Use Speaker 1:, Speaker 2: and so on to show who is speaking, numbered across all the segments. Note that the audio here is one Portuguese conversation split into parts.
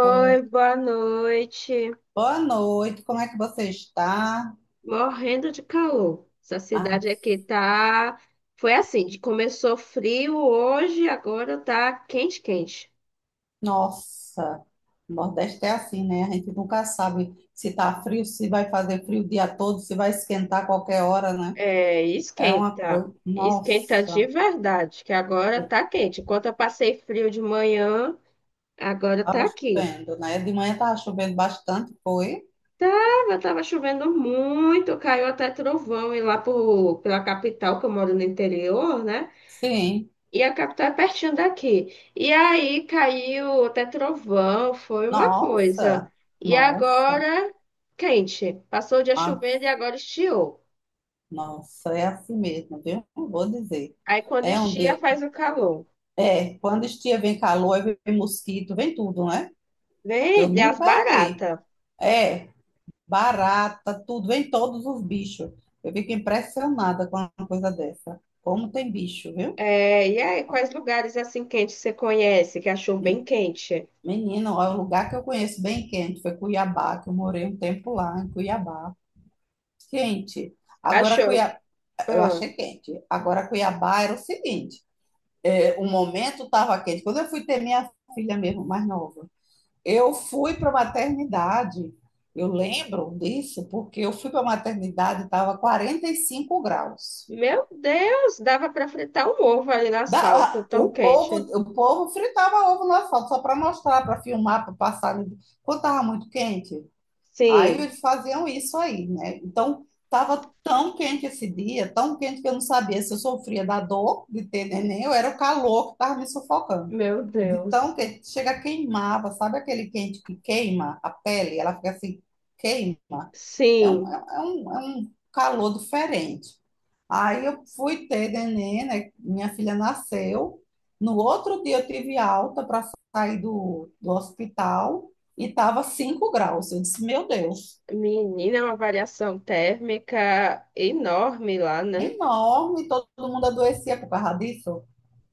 Speaker 1: Ô,
Speaker 2: boa noite.
Speaker 1: boa noite, como é que você está?
Speaker 2: Morrendo de calor. Essa
Speaker 1: Ah,
Speaker 2: cidade aqui tá. Foi assim, começou frio hoje, agora tá quente, quente.
Speaker 1: nossa, o Nordeste é assim, né? A gente nunca sabe se está frio, se vai fazer frio o dia todo, se vai esquentar a qualquer hora, né?
Speaker 2: É,
Speaker 1: É uma
Speaker 2: esquenta.
Speaker 1: coisa.
Speaker 2: Esquenta de
Speaker 1: Nossa,
Speaker 2: verdade, que agora tá quente. Enquanto eu passei frio de manhã, agora
Speaker 1: estava
Speaker 2: tá aqui.
Speaker 1: chovendo, né? De manhã estava chovendo bastante, foi?
Speaker 2: Tava chovendo muito, caiu até trovão e pela capital, que eu moro no interior, né?
Speaker 1: Sim.
Speaker 2: E a capital é pertinho daqui. E aí caiu até trovão, foi uma coisa.
Speaker 1: Nossa,
Speaker 2: E
Speaker 1: nossa,
Speaker 2: agora, quente. Passou o dia
Speaker 1: ah,
Speaker 2: chovendo e agora estiou.
Speaker 1: nossa, é assim mesmo, viu? Não vou dizer.
Speaker 2: Aí quando
Speaker 1: É um
Speaker 2: estia,
Speaker 1: dia.
Speaker 2: faz o calor.
Speaker 1: É, quando estia vem calor, aí vem mosquito, vem tudo, né? Eu
Speaker 2: Vem, tem as
Speaker 1: nunca vi.
Speaker 2: baratas.
Speaker 1: É, barata, tudo, vem todos os bichos. Eu fico impressionada com uma coisa dessa. Como tem bicho, viu?
Speaker 2: É, e aí, quais lugares assim quentes você conhece, que achou bem
Speaker 1: Me-
Speaker 2: quente?
Speaker 1: Menino, ó, o lugar que eu conheço bem quente foi Cuiabá, que eu morei um tempo lá em Cuiabá. Quente. Agora
Speaker 2: Achou.
Speaker 1: Cuiabá, eu
Speaker 2: Ah,
Speaker 1: achei quente. Agora Cuiabá era o seguinte, é, o momento estava quente. Quando eu fui ter minha filha mesmo, mais nova, eu fui para a maternidade, eu lembro disso, porque eu fui para a maternidade, e estava 45 graus.
Speaker 2: meu Deus, dava para fritar um ovo ali no asfalto,
Speaker 1: Da-
Speaker 2: tão
Speaker 1: o povo,
Speaker 2: quente.
Speaker 1: o povo fritava ovo no asfalto, só para mostrar, para filmar, para passar. Quando estava muito quente, aí
Speaker 2: Sim,
Speaker 1: eles faziam isso aí, né? Então, estava tão quente esse dia, tão quente que eu não sabia se eu sofria da dor de ter neném ou era o calor que estava me sufocando.
Speaker 2: meu
Speaker 1: De tão
Speaker 2: Deus.
Speaker 1: quente, chega queimava, sabe aquele quente que queima a pele? Ela fica assim, queima. É um,
Speaker 2: Sim.
Speaker 1: é é um, é um calor diferente. Aí eu fui ter neném, né? Minha filha nasceu. No outro dia eu tive alta para sair do hospital e estava 5 graus. Eu disse, meu Deus,
Speaker 2: Menina, é uma variação térmica enorme lá, né?
Speaker 1: enorme, todo mundo adoecia por causa disso,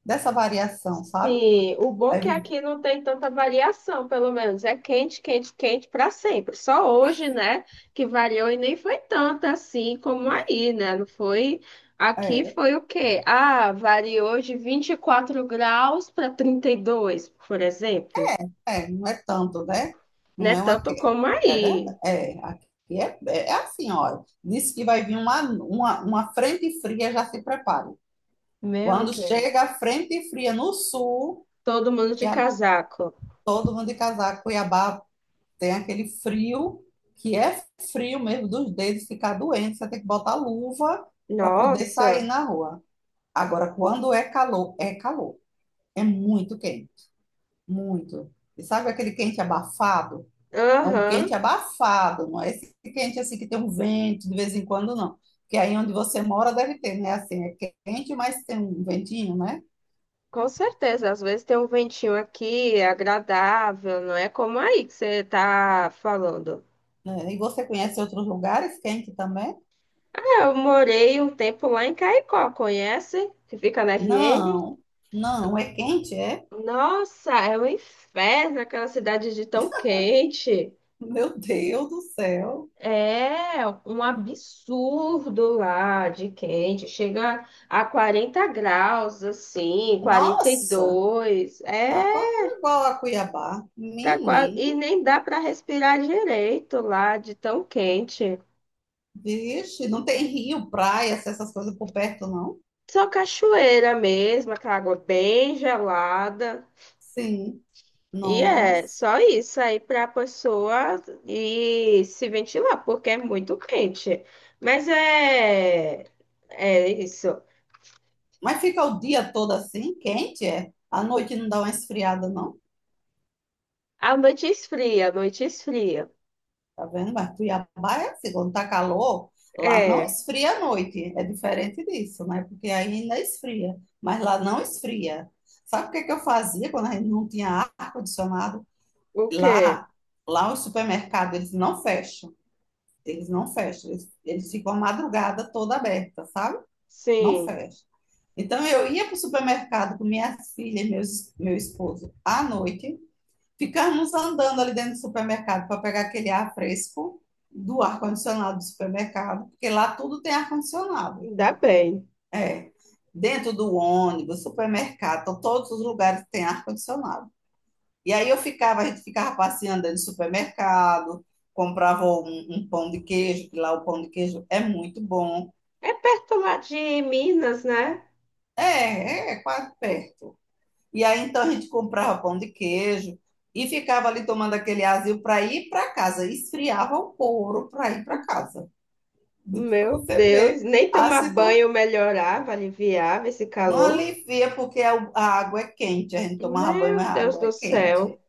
Speaker 1: dessa variação, sabe?
Speaker 2: Sim, o bom
Speaker 1: É,
Speaker 2: é que aqui não tem tanta variação, pelo menos. É quente, quente, quente para sempre. Só hoje, né, que variou e nem foi tanto assim como aí, né? Não foi. Aqui
Speaker 1: é,
Speaker 2: foi o quê? Ah, variou de 24 graus para 32, por exemplo.
Speaker 1: é, não é tanto, né? Não
Speaker 2: Né?
Speaker 1: é uma que
Speaker 2: Tanto como
Speaker 1: é
Speaker 2: aí.
Speaker 1: verdade. É, aqui é assim, olha. Disse que vai vir uma frente fria, já se prepare.
Speaker 2: Meu
Speaker 1: Quando chega
Speaker 2: Deus.
Speaker 1: a frente fria no sul,
Speaker 2: Todo mundo de
Speaker 1: Cuiabá-
Speaker 2: casaco.
Speaker 1: todo mundo de casaco, Cuiabá tem aquele frio, que é frio mesmo dos dedos, ficar doente, você tem que botar luva para poder sair
Speaker 2: Nossa.
Speaker 1: na rua. Agora, quando é calor, é calor. É muito quente, muito. E sabe aquele quente abafado? É um
Speaker 2: Aham.
Speaker 1: quente abafado, não é esse quente assim que tem um vento de vez em quando, não. Porque aí onde você mora deve ter, né? Assim, é quente, mas tem um ventinho, né?
Speaker 2: Com certeza, às vezes tem um ventinho aqui, é agradável, não é como aí que você tá falando.
Speaker 1: É, e você conhece outros lugares quente também?
Speaker 2: É, eu morei um tempo lá em Caicó, conhece? Que fica na RN.
Speaker 1: Não, não, é quente, é?
Speaker 2: Nossa, é um inferno aquela cidade de tão quente.
Speaker 1: Meu Deus do céu.
Speaker 2: É um absurdo lá de quente. Chega a 40 graus, assim,
Speaker 1: Nossa,
Speaker 2: 42. É,
Speaker 1: tá quase igual a Cuiabá.
Speaker 2: tá quase... E
Speaker 1: Menino,
Speaker 2: nem dá para respirar direito lá de tão quente.
Speaker 1: vixe, não tem rio, praia, essas coisas por perto, não?
Speaker 2: Só cachoeira mesmo, aquela água bem gelada.
Speaker 1: Sim,
Speaker 2: E é
Speaker 1: nossa.
Speaker 2: só isso aí para a pessoa ir se ventilar, porque é muito quente. Mas é, é isso.
Speaker 1: Mas fica o dia todo assim, quente, é? À noite não dá uma esfriada, não?
Speaker 2: A noite esfria, a noite esfria.
Speaker 1: Tá vendo? Mas Cuiabá é assim, quando tá calor, lá não
Speaker 2: É,
Speaker 1: esfria à noite. É diferente disso, né? Porque aí ainda esfria, mas lá não esfria. Sabe o que é que eu fazia quando a gente não tinha ar-condicionado?
Speaker 2: o quê?
Speaker 1: Lá, lá o supermercado, eles não fecham. Eles não fecham. Eles ficam a madrugada toda aberta, sabe? Não
Speaker 2: Sim,
Speaker 1: fecham. Então eu ia para o supermercado com minhas filhas e meu esposo à noite. Ficarmos andando ali dentro do supermercado para pegar aquele ar fresco do ar-condicionado do supermercado, porque lá tudo tem ar-condicionado.
Speaker 2: ainda bem.
Speaker 1: É. Dentro do ônibus, supermercado, então todos os lugares têm ar-condicionado. E aí eu ficava, a gente ficava passeando dentro do supermercado, comprava um pão de queijo, que lá o pão de queijo é muito bom.
Speaker 2: É perto lá de Minas, né?
Speaker 1: É, é quase perto. E aí então a gente comprava pão de queijo e ficava ali tomando aquele azil para ir para casa. Esfriava o couro para ir para casa. Para
Speaker 2: Meu
Speaker 1: você ver
Speaker 2: Deus, nem
Speaker 1: a
Speaker 2: tomar
Speaker 1: situação.
Speaker 2: banho melhorava, aliviava esse
Speaker 1: Não
Speaker 2: calor.
Speaker 1: alivia porque a água é quente. A gente tomava banho, mas
Speaker 2: Meu
Speaker 1: a
Speaker 2: Deus
Speaker 1: água é
Speaker 2: do
Speaker 1: quente.
Speaker 2: céu.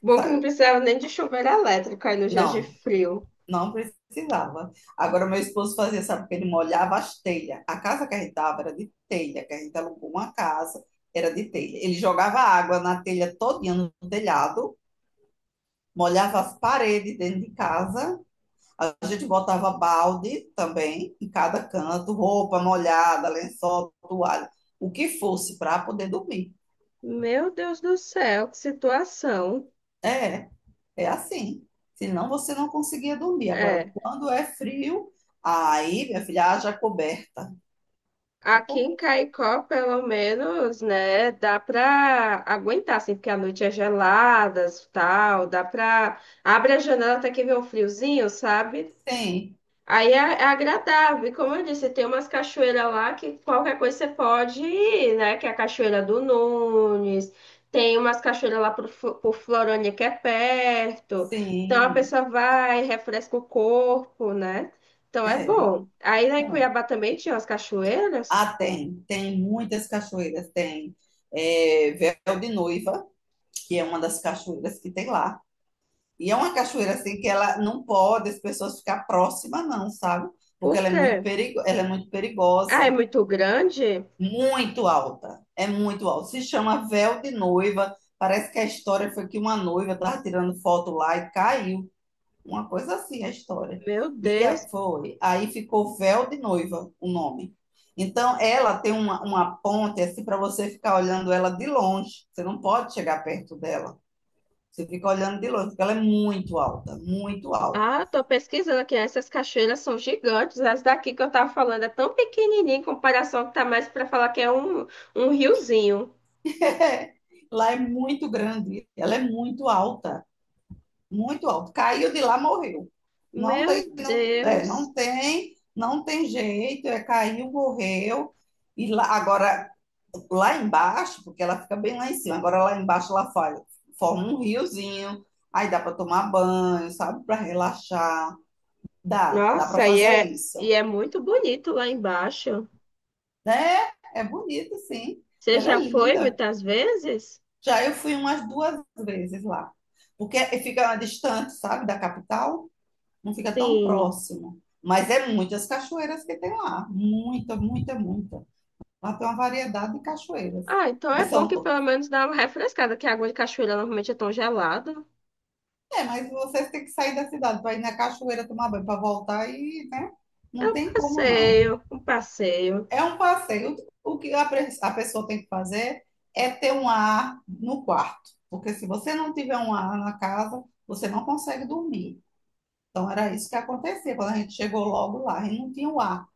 Speaker 2: Bom que não
Speaker 1: Sabe?
Speaker 2: precisava nem de chuveiro elétrico aí nos dias de
Speaker 1: Não,
Speaker 2: frio.
Speaker 1: não precisava. Agora, meu esposo fazia, sabe, que ele molhava as telhas. A casa que a gente estava era de telha, que a gente alugou uma casa, era de telha. Ele jogava água na telha todinha no telhado, molhava as paredes dentro de casa, a gente botava balde também em cada canto, roupa molhada, lençol, toalha, o que fosse para poder dormir.
Speaker 2: Meu Deus do céu, que situação.
Speaker 1: É, é assim. Senão você não conseguia dormir. Agora,
Speaker 2: É,
Speaker 1: quando é frio, aí, minha filha, haja coberta. É
Speaker 2: aqui em
Speaker 1: complicado.
Speaker 2: Caicó, pelo menos, né, dá pra aguentar, assim, porque a noite é gelada, tal, dá pra... Abre a janela até que vê um friozinho, sabe?
Speaker 1: Sim,
Speaker 2: Aí é, é agradável. E como eu disse, tem umas cachoeiras lá que qualquer coisa você pode ir, né? Que é a Cachoeira do Nunes. Tem umas cachoeiras lá pro, pro Florânia que é perto. Então a
Speaker 1: sim.
Speaker 2: pessoa vai, refresca o corpo, né? Então é
Speaker 1: É, é.
Speaker 2: bom. Aí lá em Cuiabá também tinha umas cachoeiras.
Speaker 1: Ah, tem muitas cachoeiras, tem é, Véu de Noiva, que é uma das cachoeiras que tem lá. E é uma cachoeira assim que ela não pode as pessoas ficar próximas, não, sabe? Porque
Speaker 2: Por
Speaker 1: ela é muito
Speaker 2: quê?
Speaker 1: perigo, ela é muito
Speaker 2: Ah, é
Speaker 1: perigosa,
Speaker 2: muito grande?
Speaker 1: muito alta, é muito alta. Se chama Véu de Noiva. Parece que a história foi que uma noiva estava tirando foto lá e caiu. Uma coisa assim a história.
Speaker 2: Meu
Speaker 1: E aí-
Speaker 2: Deus.
Speaker 1: foi. Aí ficou Véu de Noiva o nome. Então, ela tem uma ponte assim para você ficar olhando ela de longe. Você não pode chegar perto dela. Você fica olhando de longe, porque ela é muito alta, muito alta.
Speaker 2: Ah, eu tô pesquisando aqui. Essas cachoeiras são gigantes. As daqui que eu tava falando é tão pequenininha em comparação que tá mais para falar que é um riozinho.
Speaker 1: Lá é muito grande, ela é muito alta, muito alta. Caiu de lá, morreu. Não tem,
Speaker 2: Meu
Speaker 1: não, é,
Speaker 2: Deus.
Speaker 1: não tem, não tem jeito, é caiu, morreu. E lá, agora, lá embaixo, porque ela fica bem lá em cima, agora lá embaixo ela faz, forma um riozinho, aí dá para tomar banho, sabe, para relaxar. Dá para
Speaker 2: Nossa,
Speaker 1: fazer
Speaker 2: e
Speaker 1: isso,
Speaker 2: é muito bonito lá embaixo.
Speaker 1: né? É bonito, sim.
Speaker 2: Você
Speaker 1: Ela é
Speaker 2: já foi
Speaker 1: linda.
Speaker 2: muitas vezes?
Speaker 1: Já eu fui umas duas vezes lá, porque fica distante, sabe, da capital, não fica tão
Speaker 2: Sim.
Speaker 1: próximo. Mas é muitas cachoeiras que tem lá, muita, muita, muita. Lá tem uma variedade de cachoeiras,
Speaker 2: Ah, então é
Speaker 1: mas
Speaker 2: bom
Speaker 1: são
Speaker 2: que pelo
Speaker 1: todas.
Speaker 2: menos dá uma refrescada, que a água de cachoeira normalmente é tão gelada.
Speaker 1: É, mas vocês têm que sair da cidade para ir na cachoeira tomar banho, para voltar e, né?
Speaker 2: É
Speaker 1: Não
Speaker 2: um
Speaker 1: tem como não.
Speaker 2: passeio, um passeio.
Speaker 1: É um passeio. O que a a pessoa tem que fazer é ter um ar no quarto, porque se você não tiver um ar na casa, você não consegue dormir. Então era isso que acontecia quando a gente chegou logo lá, a gente não tinha o ar.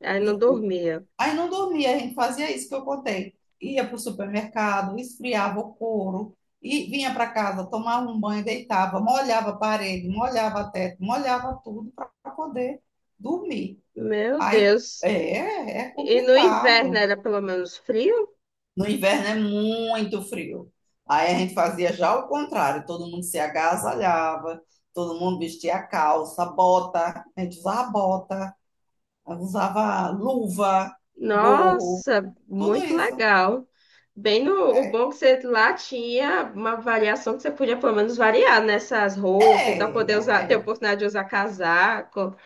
Speaker 2: Aí
Speaker 1: E
Speaker 2: não dormia.
Speaker 1: aí não dormia, a gente fazia isso que eu contei. Ia para o supermercado, esfriava o couro, e vinha para casa, tomava um banho, deitava, molhava a parede, molhava teto, molhava tudo para poder dormir.
Speaker 2: Meu
Speaker 1: Aí
Speaker 2: Deus.
Speaker 1: é
Speaker 2: E no inverno
Speaker 1: complicado.
Speaker 2: era pelo menos frio?
Speaker 1: No inverno é muito frio. Aí a gente fazia já o contrário, todo mundo se agasalhava, todo mundo vestia calça, bota, a gente usava bota. Usava luva, gorro,
Speaker 2: Nossa,
Speaker 1: tudo
Speaker 2: muito
Speaker 1: isso.
Speaker 2: legal. Bem, o
Speaker 1: É,
Speaker 2: bom que você lá tinha uma variação que você podia pelo menos variar nessas roupas, então poder usar,
Speaker 1: é,
Speaker 2: ter a oportunidade de usar casaco.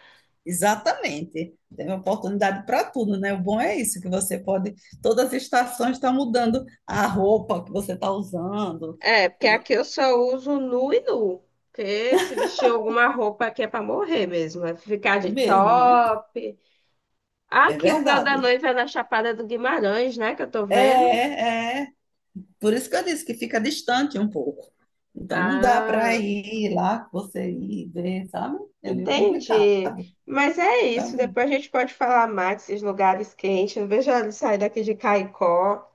Speaker 1: exatamente. Tem oportunidade para tudo, né? O bom é isso, que você pode. Todas as estações estão mudando a roupa que você está usando.
Speaker 2: É, porque
Speaker 1: E
Speaker 2: aqui eu só uso nu e nu. Porque se vestir alguma roupa aqui é pra morrer mesmo, é ficar
Speaker 1: é
Speaker 2: de
Speaker 1: mesmo, né?
Speaker 2: top.
Speaker 1: É
Speaker 2: Aqui o véu da
Speaker 1: verdade.
Speaker 2: noiva é na Chapada do Guimarães, né, que eu tô vendo.
Speaker 1: É, é. Por isso que eu disse que fica distante um pouco. Então não dá para
Speaker 2: Ah.
Speaker 1: ir lá, você ir ver, sabe? É meio complicado.
Speaker 2: Entendi. Mas é
Speaker 1: Tá
Speaker 2: isso.
Speaker 1: bom.
Speaker 2: Depois a gente pode falar mais desses lugares quentes. Eu vejo ela sair daqui de Caicó.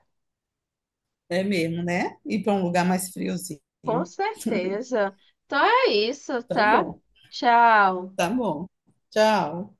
Speaker 1: É mesmo, né? Ir para um lugar mais friozinho.
Speaker 2: Com certeza. Então é isso,
Speaker 1: Tá
Speaker 2: tá?
Speaker 1: bom.
Speaker 2: Tchau.
Speaker 1: Tá bom. Tchau.